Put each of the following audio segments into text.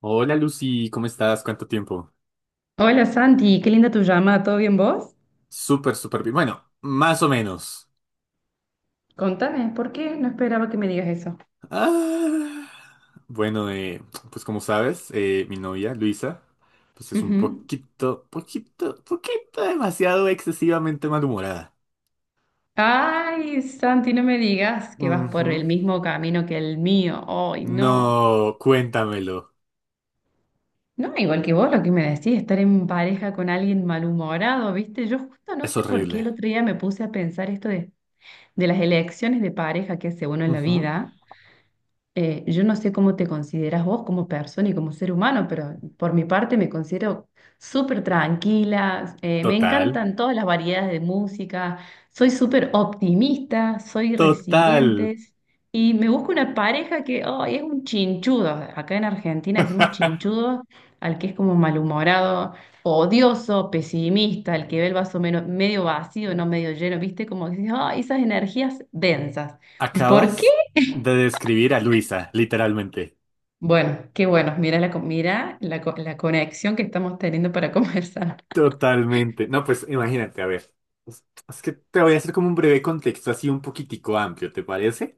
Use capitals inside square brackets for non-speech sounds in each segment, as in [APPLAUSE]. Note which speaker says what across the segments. Speaker 1: Hola Lucy, ¿cómo estás? ¿Cuánto tiempo?
Speaker 2: Hola Santi, qué linda tu llamada, ¿todo bien vos?
Speaker 1: Súper, súper bien. Bueno, más o menos.
Speaker 2: Contame, ¿por qué? No esperaba que me digas eso.
Speaker 1: Ah, bueno, eh, pues como sabes, mi novia Luisa, pues es un
Speaker 2: Ujú.
Speaker 1: poquito, poquito, poquito demasiado excesivamente malhumorada.
Speaker 2: Ay, Santi, no me digas que vas por
Speaker 1: Ujú.
Speaker 2: el mismo camino que el mío. Ay, no.
Speaker 1: No, cuéntamelo.
Speaker 2: No, igual que vos lo que me decís, estar en pareja con alguien malhumorado, ¿viste? Yo justo no
Speaker 1: Es
Speaker 2: sé por qué
Speaker 1: horrible.
Speaker 2: el otro día me puse a pensar esto de las elecciones de pareja que hace uno en la
Speaker 1: Ujú.
Speaker 2: vida. Yo no sé cómo te consideras vos como persona y como ser humano, pero por mi parte me considero súper tranquila, me
Speaker 1: Total,
Speaker 2: encantan todas las variedades de música, soy súper optimista, soy
Speaker 1: total.
Speaker 2: resiliente y me busco una pareja que oh, es un chinchudo. Acá en Argentina decimos
Speaker 1: [LAUGHS]
Speaker 2: chinchudo al que es como malhumorado, odioso, pesimista, al que ve el vaso medio vacío, no medio lleno, ¿viste? Como que dices, "Ah, esas energías densas.
Speaker 1: Acabas
Speaker 2: ¿Por qué?"
Speaker 1: de describir a Luisa, literalmente.
Speaker 2: Bueno, qué bueno. La conexión que estamos teniendo para [LAUGHS] conversar.
Speaker 1: Totalmente. No, pues imagínate, a ver. Es que te voy a hacer como un breve contexto así un poquitico amplio, ¿te parece?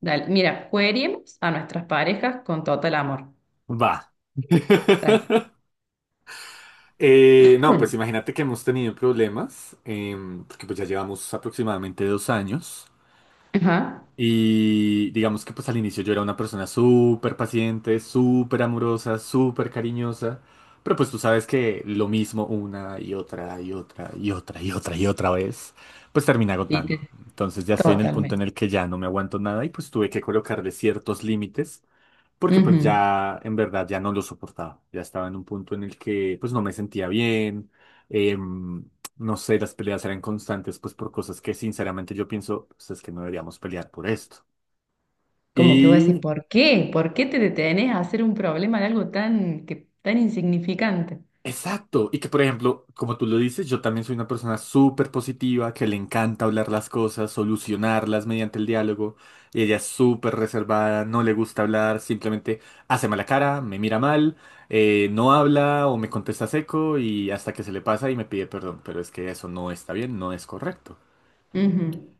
Speaker 2: Dale, mira, queremos a nuestras parejas con total amor.
Speaker 1: Va.
Speaker 2: Dale.
Speaker 1: [LAUGHS] No, pues
Speaker 2: [CLEARS THROAT]
Speaker 1: imagínate que hemos tenido problemas, porque pues ya llevamos aproximadamente 2 años.
Speaker 2: Ajá.
Speaker 1: Y digamos que pues al inicio yo era una persona súper paciente, súper amorosa, súper cariñosa, pero pues tú sabes que lo mismo una y otra y otra y otra y otra y otra vez, pues termina agotando.
Speaker 2: Lite-
Speaker 1: Entonces ya estoy en el punto en
Speaker 2: Totalmente.
Speaker 1: el que ya no me aguanto nada y pues tuve que colocarle ciertos límites porque pues
Speaker 2: Ujú.
Speaker 1: ya en verdad ya no lo soportaba, ya estaba en un punto en el que pues no me sentía bien, em, no sé, las peleas eran constantes pues por cosas que sinceramente yo pienso, pues es que no deberíamos pelear por esto.
Speaker 2: Como que voy a decir,
Speaker 1: Y
Speaker 2: ¿por qué? ¿Por qué te detenés a hacer un problema de algo tan, que, tan insignificante?
Speaker 1: Exacto. Y que, por ejemplo, como tú lo dices, yo también soy una persona súper positiva, que le encanta hablar las cosas, solucionarlas mediante el diálogo. Y ella es súper reservada, no le gusta hablar, simplemente hace mala cara, me mira mal, no habla o me contesta seco y hasta que se le pasa y me pide perdón. Pero es que eso no está bien, no es correcto.
Speaker 2: Ujú.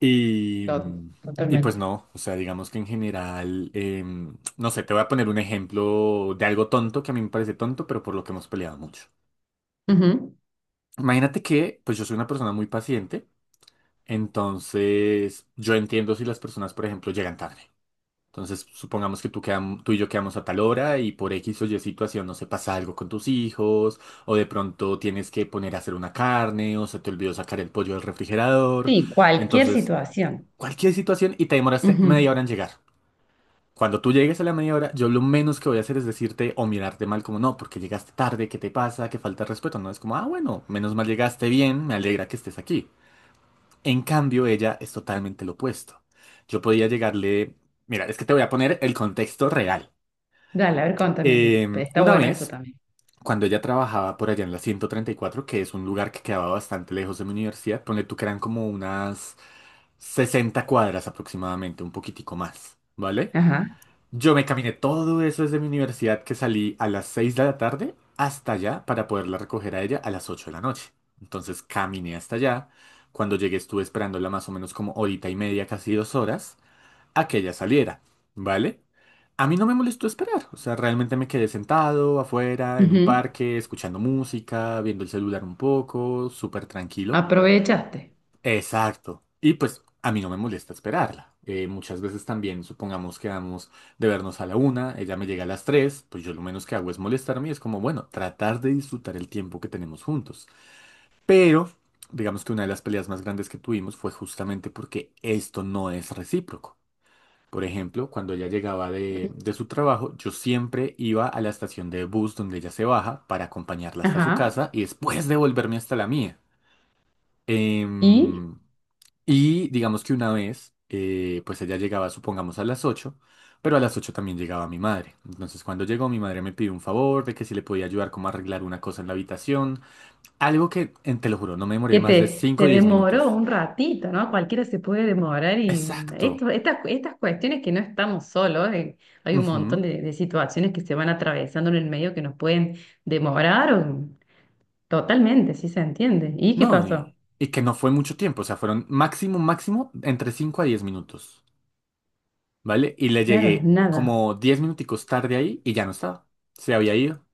Speaker 1: Y, mm, y pues
Speaker 2: Totalmente.
Speaker 1: no, o sea, digamos que en general, no sé, te voy a poner un ejemplo de algo tonto que a mí me parece tonto, pero por lo que hemos peleado mucho.
Speaker 2: Ujú.
Speaker 1: Imagínate que, pues yo soy una persona muy paciente, entonces yo entiendo si las personas, por ejemplo, llegan tarde. Entonces, supongamos que tú y yo quedamos a tal hora y por X o Y situación, no se pasa algo con tus hijos, o de pronto tienes que poner a hacer una carne, o se te olvidó sacar el pollo del refrigerador.
Speaker 2: Sí, cualquier
Speaker 1: Entonces,
Speaker 2: situación.
Speaker 1: cualquier situación y te demoraste
Speaker 2: Ujú.
Speaker 1: media hora en llegar. Cuando tú llegues a la media hora, yo lo menos que voy a hacer es decirte o mirarte mal como no, porque llegaste tarde, ¿qué te pasa? ¿Qué falta de respeto? No, es como, ah, bueno, menos mal llegaste bien, me alegra que estés aquí. En cambio, ella es totalmente lo opuesto. Yo podía llegarle, mira, es que te voy a poner el contexto real.
Speaker 2: Dale, a ver, contame
Speaker 1: Eh,
Speaker 2: que está
Speaker 1: una
Speaker 2: bueno eso
Speaker 1: vez,
Speaker 2: también.
Speaker 1: cuando ella trabajaba por allá en la 134, que es un lugar que quedaba bastante lejos de mi universidad, ponle tú que eran como unas 60 cuadras aproximadamente, un poquitico más, ¿vale?
Speaker 2: Ajá.
Speaker 1: Yo me caminé todo eso desde mi universidad que salí a las 6 de la tarde hasta allá para poderla recoger a ella a las 8 de la noche. Entonces caminé hasta allá. Cuando llegué estuve esperándola más o menos como horita y media, casi 2 horas, a que ella saliera, ¿vale? A mí no me molestó esperar, o sea, realmente me quedé sentado afuera, en un
Speaker 2: Ujú.
Speaker 1: parque, escuchando música, viendo el celular un poco, súper tranquilo.
Speaker 2: Aprovechaste.
Speaker 1: Exacto. Y pues a mí no me molesta esperarla. Muchas veces también, supongamos que vamos de vernos a la una, ella me llega a las tres, pues yo lo menos que hago es molestarme y es como, bueno, tratar de disfrutar el tiempo que tenemos juntos. Pero, digamos que una de las peleas más grandes que tuvimos fue justamente porque esto no es recíproco. Por ejemplo, cuando ella llegaba de su trabajo, yo siempre iba a la estación de bus donde ella se baja para acompañarla hasta su
Speaker 2: Ajá.
Speaker 1: casa y después devolverme hasta la mía.
Speaker 2: Y
Speaker 1: Em, y digamos que una vez, pues ella llegaba, supongamos, a las 8 pero a las 8 también llegaba mi madre. Entonces cuando llegó, mi madre me pidió un favor de que si le podía ayudar como a arreglar una cosa en la habitación. Algo que, te lo juro, no me demoré
Speaker 2: que
Speaker 1: más de
Speaker 2: te,
Speaker 1: cinco o
Speaker 2: te
Speaker 1: 10
Speaker 2: demoró
Speaker 1: minutos.
Speaker 2: un ratito, ¿no? Cualquiera se puede demorar y
Speaker 1: Exacto.
Speaker 2: esto, estas cuestiones que no estamos solos, hay un montón
Speaker 1: Ujú.
Speaker 2: de situaciones que se van atravesando en el medio que nos pueden demorar. Totalmente, sí se entiende. ¿Y qué
Speaker 1: No,
Speaker 2: pasó?
Speaker 1: y que no fue mucho tiempo, o sea, fueron máximo, máximo entre 5 a 10 minutos, ¿vale? Y le
Speaker 2: Claro,
Speaker 1: llegué
Speaker 2: nada.
Speaker 1: como 10 minuticos tarde ahí y ya no estaba. Se había ido.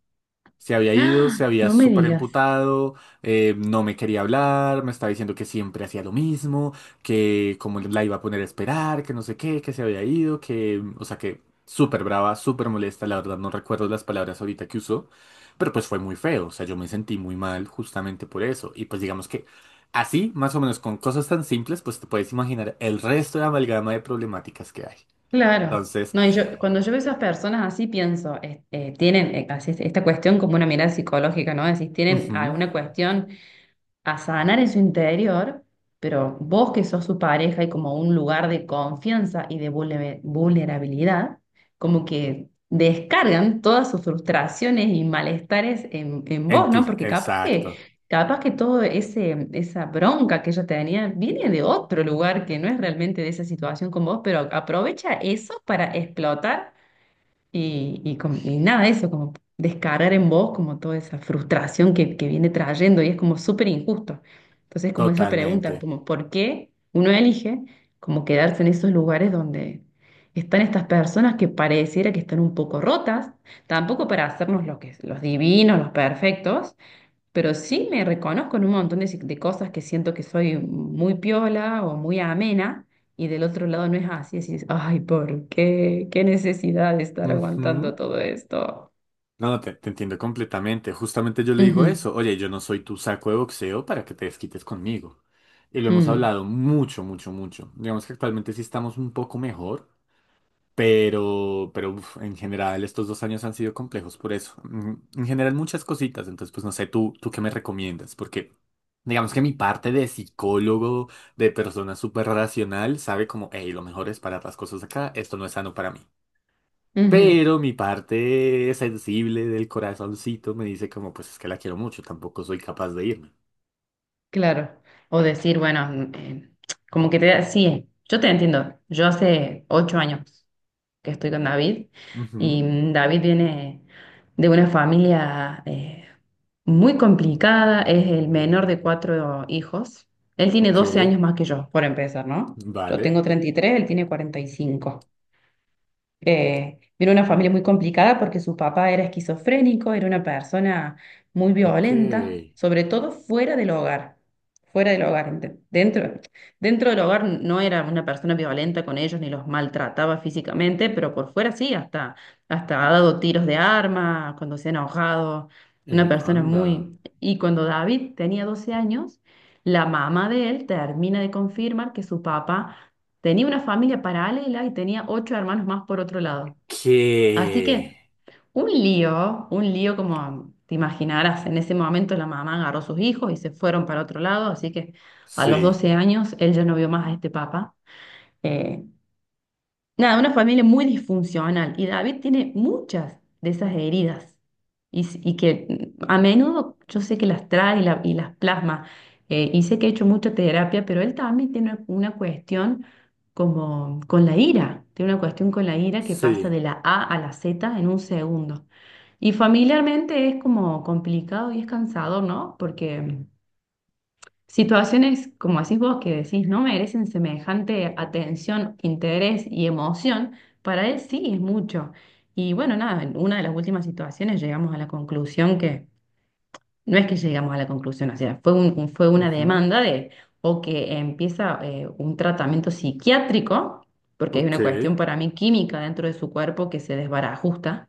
Speaker 1: Se había ido,
Speaker 2: ¡Ah!
Speaker 1: se había
Speaker 2: No me
Speaker 1: súper
Speaker 2: digas.
Speaker 1: emputado, no me quería hablar, me estaba diciendo que siempre hacía lo mismo, que como la iba a poner a esperar, que no sé qué, que se había ido, que, o sea, que súper brava, súper molesta, la verdad no recuerdo las palabras ahorita que usó, pero pues fue muy feo, o sea, yo me sentí muy mal justamente por eso, y pues digamos que así, más o menos con cosas tan simples, pues te puedes imaginar el resto de amalgama de problemáticas que hay.
Speaker 2: Claro.
Speaker 1: Entonces,
Speaker 2: No, y yo, cuando yo veo esas personas así pienso, tienen esta cuestión como una mirada psicológica, ¿no? Es decir, tienen
Speaker 1: ujú,
Speaker 2: alguna cuestión a sanar en su interior, pero vos que sos su pareja y como un lugar de confianza y de vulnerabilidad, como que descargan todas sus frustraciones y malestares en
Speaker 1: en
Speaker 2: vos,
Speaker 1: ti,
Speaker 2: ¿no? Porque capaz
Speaker 1: exacto,
Speaker 2: que, capaz que todo esa bronca que ella tenía viene de otro lugar que no es realmente de esa situación con vos, pero aprovecha eso para explotar y nada, eso, como descargar en vos como toda esa frustración que viene trayendo y es como súper injusto. Entonces, como esa pregunta,
Speaker 1: totalmente.
Speaker 2: como por qué uno elige como quedarse en esos lugares donde están estas personas que pareciera que están un poco rotas, tampoco para hacernos lo que, los divinos, los perfectos, pero sí me reconozco en un montón de, si- de cosas que siento que soy muy piola o muy amena, y del otro lado no es así. Decís, ay, ¿por qué? ¿Qué necesidad de estar aguantando
Speaker 1: Ujú.
Speaker 2: todo esto?
Speaker 1: No, no, te entiendo completamente. Justamente yo le digo
Speaker 2: Ujú.
Speaker 1: eso. Oye, yo no soy tu saco de boxeo para que te desquites conmigo. Y lo hemos
Speaker 2: Mm.
Speaker 1: hablado mucho, mucho, mucho. Digamos que actualmente sí estamos un poco mejor, pero uf, en general estos 2 años han sido complejos por eso. En general muchas cositas. Entonces, pues no sé, tú qué me recomiendas, porque digamos que mi parte de psicólogo, de persona súper racional, sabe como, hey, lo mejor es parar las cosas acá, esto no es sano para mí.
Speaker 2: Ujú.
Speaker 1: Pero mi parte sensible del corazoncito me dice como, pues es que la quiero mucho, tampoco soy capaz de irme.
Speaker 2: Claro. O decir, bueno, como que te da, sí, yo te entiendo. Yo hace 8 años que estoy con David. Y
Speaker 1: Ujú,
Speaker 2: David viene de una familia muy complicada, es el menor de 4 hijos. Él tiene
Speaker 1: ok,
Speaker 2: 12 años más que yo, por empezar, ¿no? Yo
Speaker 1: vale,
Speaker 2: tengo 33, él tiene 45. Era una familia muy complicada porque su papá era esquizofrénico, era una persona muy
Speaker 1: ok.
Speaker 2: violenta, sobre todo fuera del hogar. Fuera del hogar, dentro del hogar no era una persona violenta con ellos ni los maltrataba físicamente, pero por fuera sí, hasta ha dado tiros de arma cuando se ha enojado. Una persona
Speaker 1: Anda.
Speaker 2: muy. Y cuando David tenía 12 años, la mamá de él termina de confirmar que su papá tenía una familia paralela y tenía 8 hermanos más por otro lado. Así que
Speaker 1: ¿Qué?
Speaker 2: un lío como te imaginarás, en ese momento la mamá agarró a sus hijos y se fueron para otro lado, así que a los
Speaker 1: Sí,
Speaker 2: 12 años él ya no vio más a este papá. Eh, Nada, una familia muy disfuncional y David tiene muchas de esas heridas que a menudo yo sé que las trae y las plasma, y sé que he hecho mucha terapia, pero él también tiene una cuestión como con la ira, tiene una cuestión con la ira que pasa
Speaker 1: sí.
Speaker 2: de la A a la Z en un segundo. Y familiarmente es como complicado y es cansador, ¿no? Porque situaciones como decís vos que decís no merecen semejante atención, interés y emoción, para él sí es mucho. Y bueno, nada, en una de las últimas situaciones llegamos a la conclusión que, no es que llegamos a la conclusión, o sea, fue fue una
Speaker 1: Ujú,
Speaker 2: demanda de, o que empieza un tratamiento psiquiátrico, porque hay
Speaker 1: ok,
Speaker 2: una cuestión para mí química dentro de su cuerpo que se desbarajusta,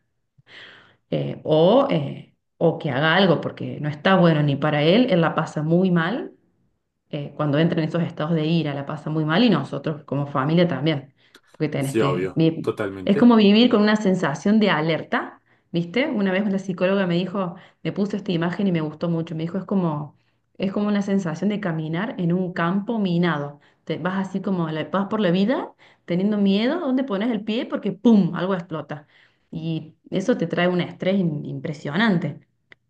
Speaker 2: o que haga algo, porque no está bueno ni para él, él la pasa muy mal cuando entra en esos estados de ira, la pasa muy mal y nosotros como familia también, porque tenés
Speaker 1: sí,
Speaker 2: que
Speaker 1: obvio,
Speaker 2: es
Speaker 1: totalmente.
Speaker 2: como vivir con una sensación de alerta, ¿viste? Una vez la psicóloga me dijo, me puso esta imagen y me gustó mucho, me dijo, es como una sensación de caminar en un campo minado. Te vas así como, vas por la vida teniendo miedo, ¿dónde pones el pie? Porque ¡pum! Algo explota. Y eso te trae un estrés impresionante.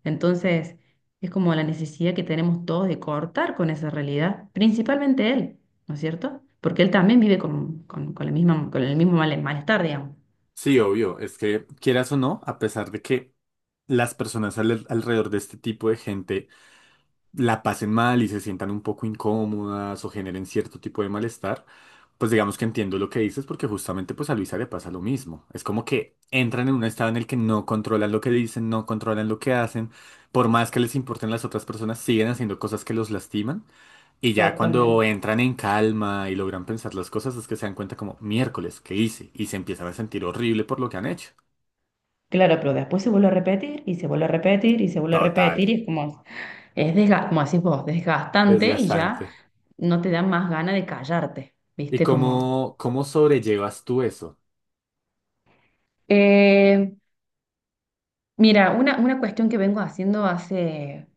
Speaker 2: Entonces. Es como la necesidad que tenemos todos de cortar con esa realidad, principalmente él, ¿no es cierto? Porque él también vive con la misma, con el mismo malestar, digamos.
Speaker 1: Sí, obvio, es que quieras o no, a pesar de que las personas alrededor de este tipo de gente la pasen mal y se sientan un poco incómodas o generen cierto tipo de malestar, pues digamos que entiendo lo que dices porque justamente pues a Luisa le pasa lo mismo. Es como que entran en un estado en el que no controlan lo que dicen, no controlan lo que hacen, por más que les importen las otras personas, siguen haciendo cosas que los lastiman y ya
Speaker 2: Totalmente.
Speaker 1: cuando entran en calma y logran pensar las cosas es que se dan cuenta como miércoles, ¿qué hice? Y se empiezan a sentir horrible por lo que han hecho.
Speaker 2: Claro, pero después se vuelve a repetir y se vuelve a repetir y se vuelve a
Speaker 1: Total,
Speaker 2: repetir y es como, es como decís vos, desgastante y ya
Speaker 1: desgastante.
Speaker 2: no te da más ganas de callarte,
Speaker 1: ¿Y
Speaker 2: ¿viste? Como.
Speaker 1: cómo sobrellevas tú eso?
Speaker 2: Eh, Mira, una cuestión que vengo haciendo hace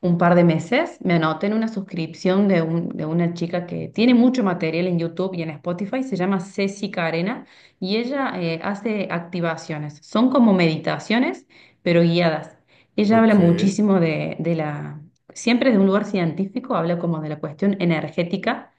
Speaker 2: un par de meses, me anoté en una suscripción de una chica que tiene mucho material en YouTube y en Spotify, se llama Ceci Carena, y ella hace activaciones, son como meditaciones, pero guiadas. Ella habla
Speaker 1: Ok.
Speaker 2: muchísimo siempre de un lugar científico, habla como de la cuestión energética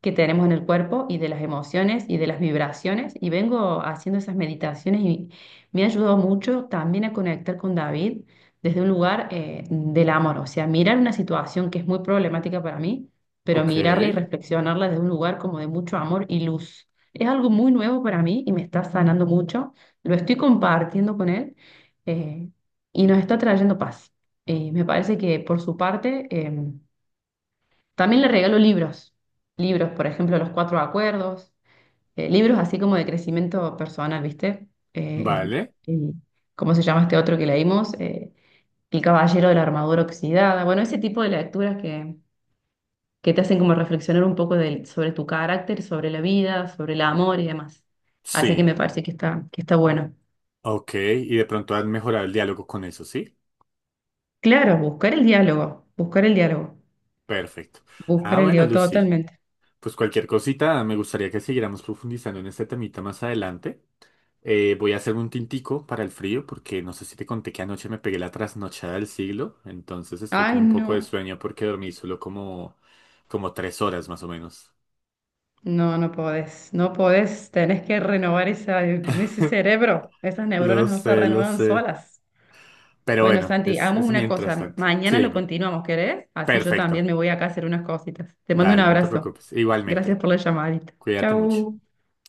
Speaker 2: que tenemos en el cuerpo y de las emociones y de las vibraciones. Y vengo haciendo esas meditaciones y me ha ayudado mucho también a conectar con David desde un lugar del amor, o sea, mirar una situación que es muy problemática para mí, pero
Speaker 1: Ok,
Speaker 2: mirarla y reflexionarla desde un lugar como de mucho amor y luz. Es algo muy nuevo para mí y me está sanando mucho. Lo estoy compartiendo con él, eh, y nos está trayendo paz. Me parece que por su parte, también le regalo libros, por ejemplo, Los Cuatro Acuerdos, libros así como de crecimiento personal, ¿viste? Eh, el-
Speaker 1: vale,
Speaker 2: el- ¿Cómo se llama este otro que leímos? El Caballero de la Armadura Oxidada. Bueno, ese tipo de lecturas que te hacen como reflexionar un poco sobre tu carácter, sobre la vida, sobre el amor y demás. Así que
Speaker 1: sí,
Speaker 2: me parece que está bueno.
Speaker 1: ok, y de pronto han mejorado el diálogo con eso, ¿sí?
Speaker 2: Claro, buscar el diálogo, buscar el diálogo,
Speaker 1: Perfecto. Ah,
Speaker 2: buscar el
Speaker 1: bueno,
Speaker 2: diálogo
Speaker 1: Lucy,
Speaker 2: totalmente.
Speaker 1: pues cualquier cosita, me gustaría que siguiéramos profundizando en este temita más adelante. Voy a hacerme un tintico para el frío, porque no sé si te conté que anoche me pegué la trasnochada del siglo, entonces estoy con
Speaker 2: Ay,
Speaker 1: un poco de
Speaker 2: no.
Speaker 1: sueño porque dormí solo como, como 3 horas más o menos.
Speaker 2: No, no podés, no podés, tenés que renovar ese
Speaker 1: [LAUGHS]
Speaker 2: cerebro, esas
Speaker 1: Lo
Speaker 2: neuronas no se
Speaker 1: sé, lo
Speaker 2: renuevan
Speaker 1: sé.
Speaker 2: solas.
Speaker 1: Pero
Speaker 2: Bueno,
Speaker 1: bueno,
Speaker 2: Santi,
Speaker 1: es,
Speaker 2: hagamos
Speaker 1: es
Speaker 2: una
Speaker 1: mientras
Speaker 2: cosa,
Speaker 1: tanto. Sí,
Speaker 2: mañana lo
Speaker 1: dime.
Speaker 2: continuamos, ¿querés? Así yo también
Speaker 1: Perfecto.
Speaker 2: me voy acá a hacer unas cositas. Te mando un
Speaker 1: Dale, no te
Speaker 2: abrazo.
Speaker 1: preocupes.
Speaker 2: Gracias
Speaker 1: Igualmente.
Speaker 2: por la llamadita.
Speaker 1: Cuídate mucho.
Speaker 2: Chau.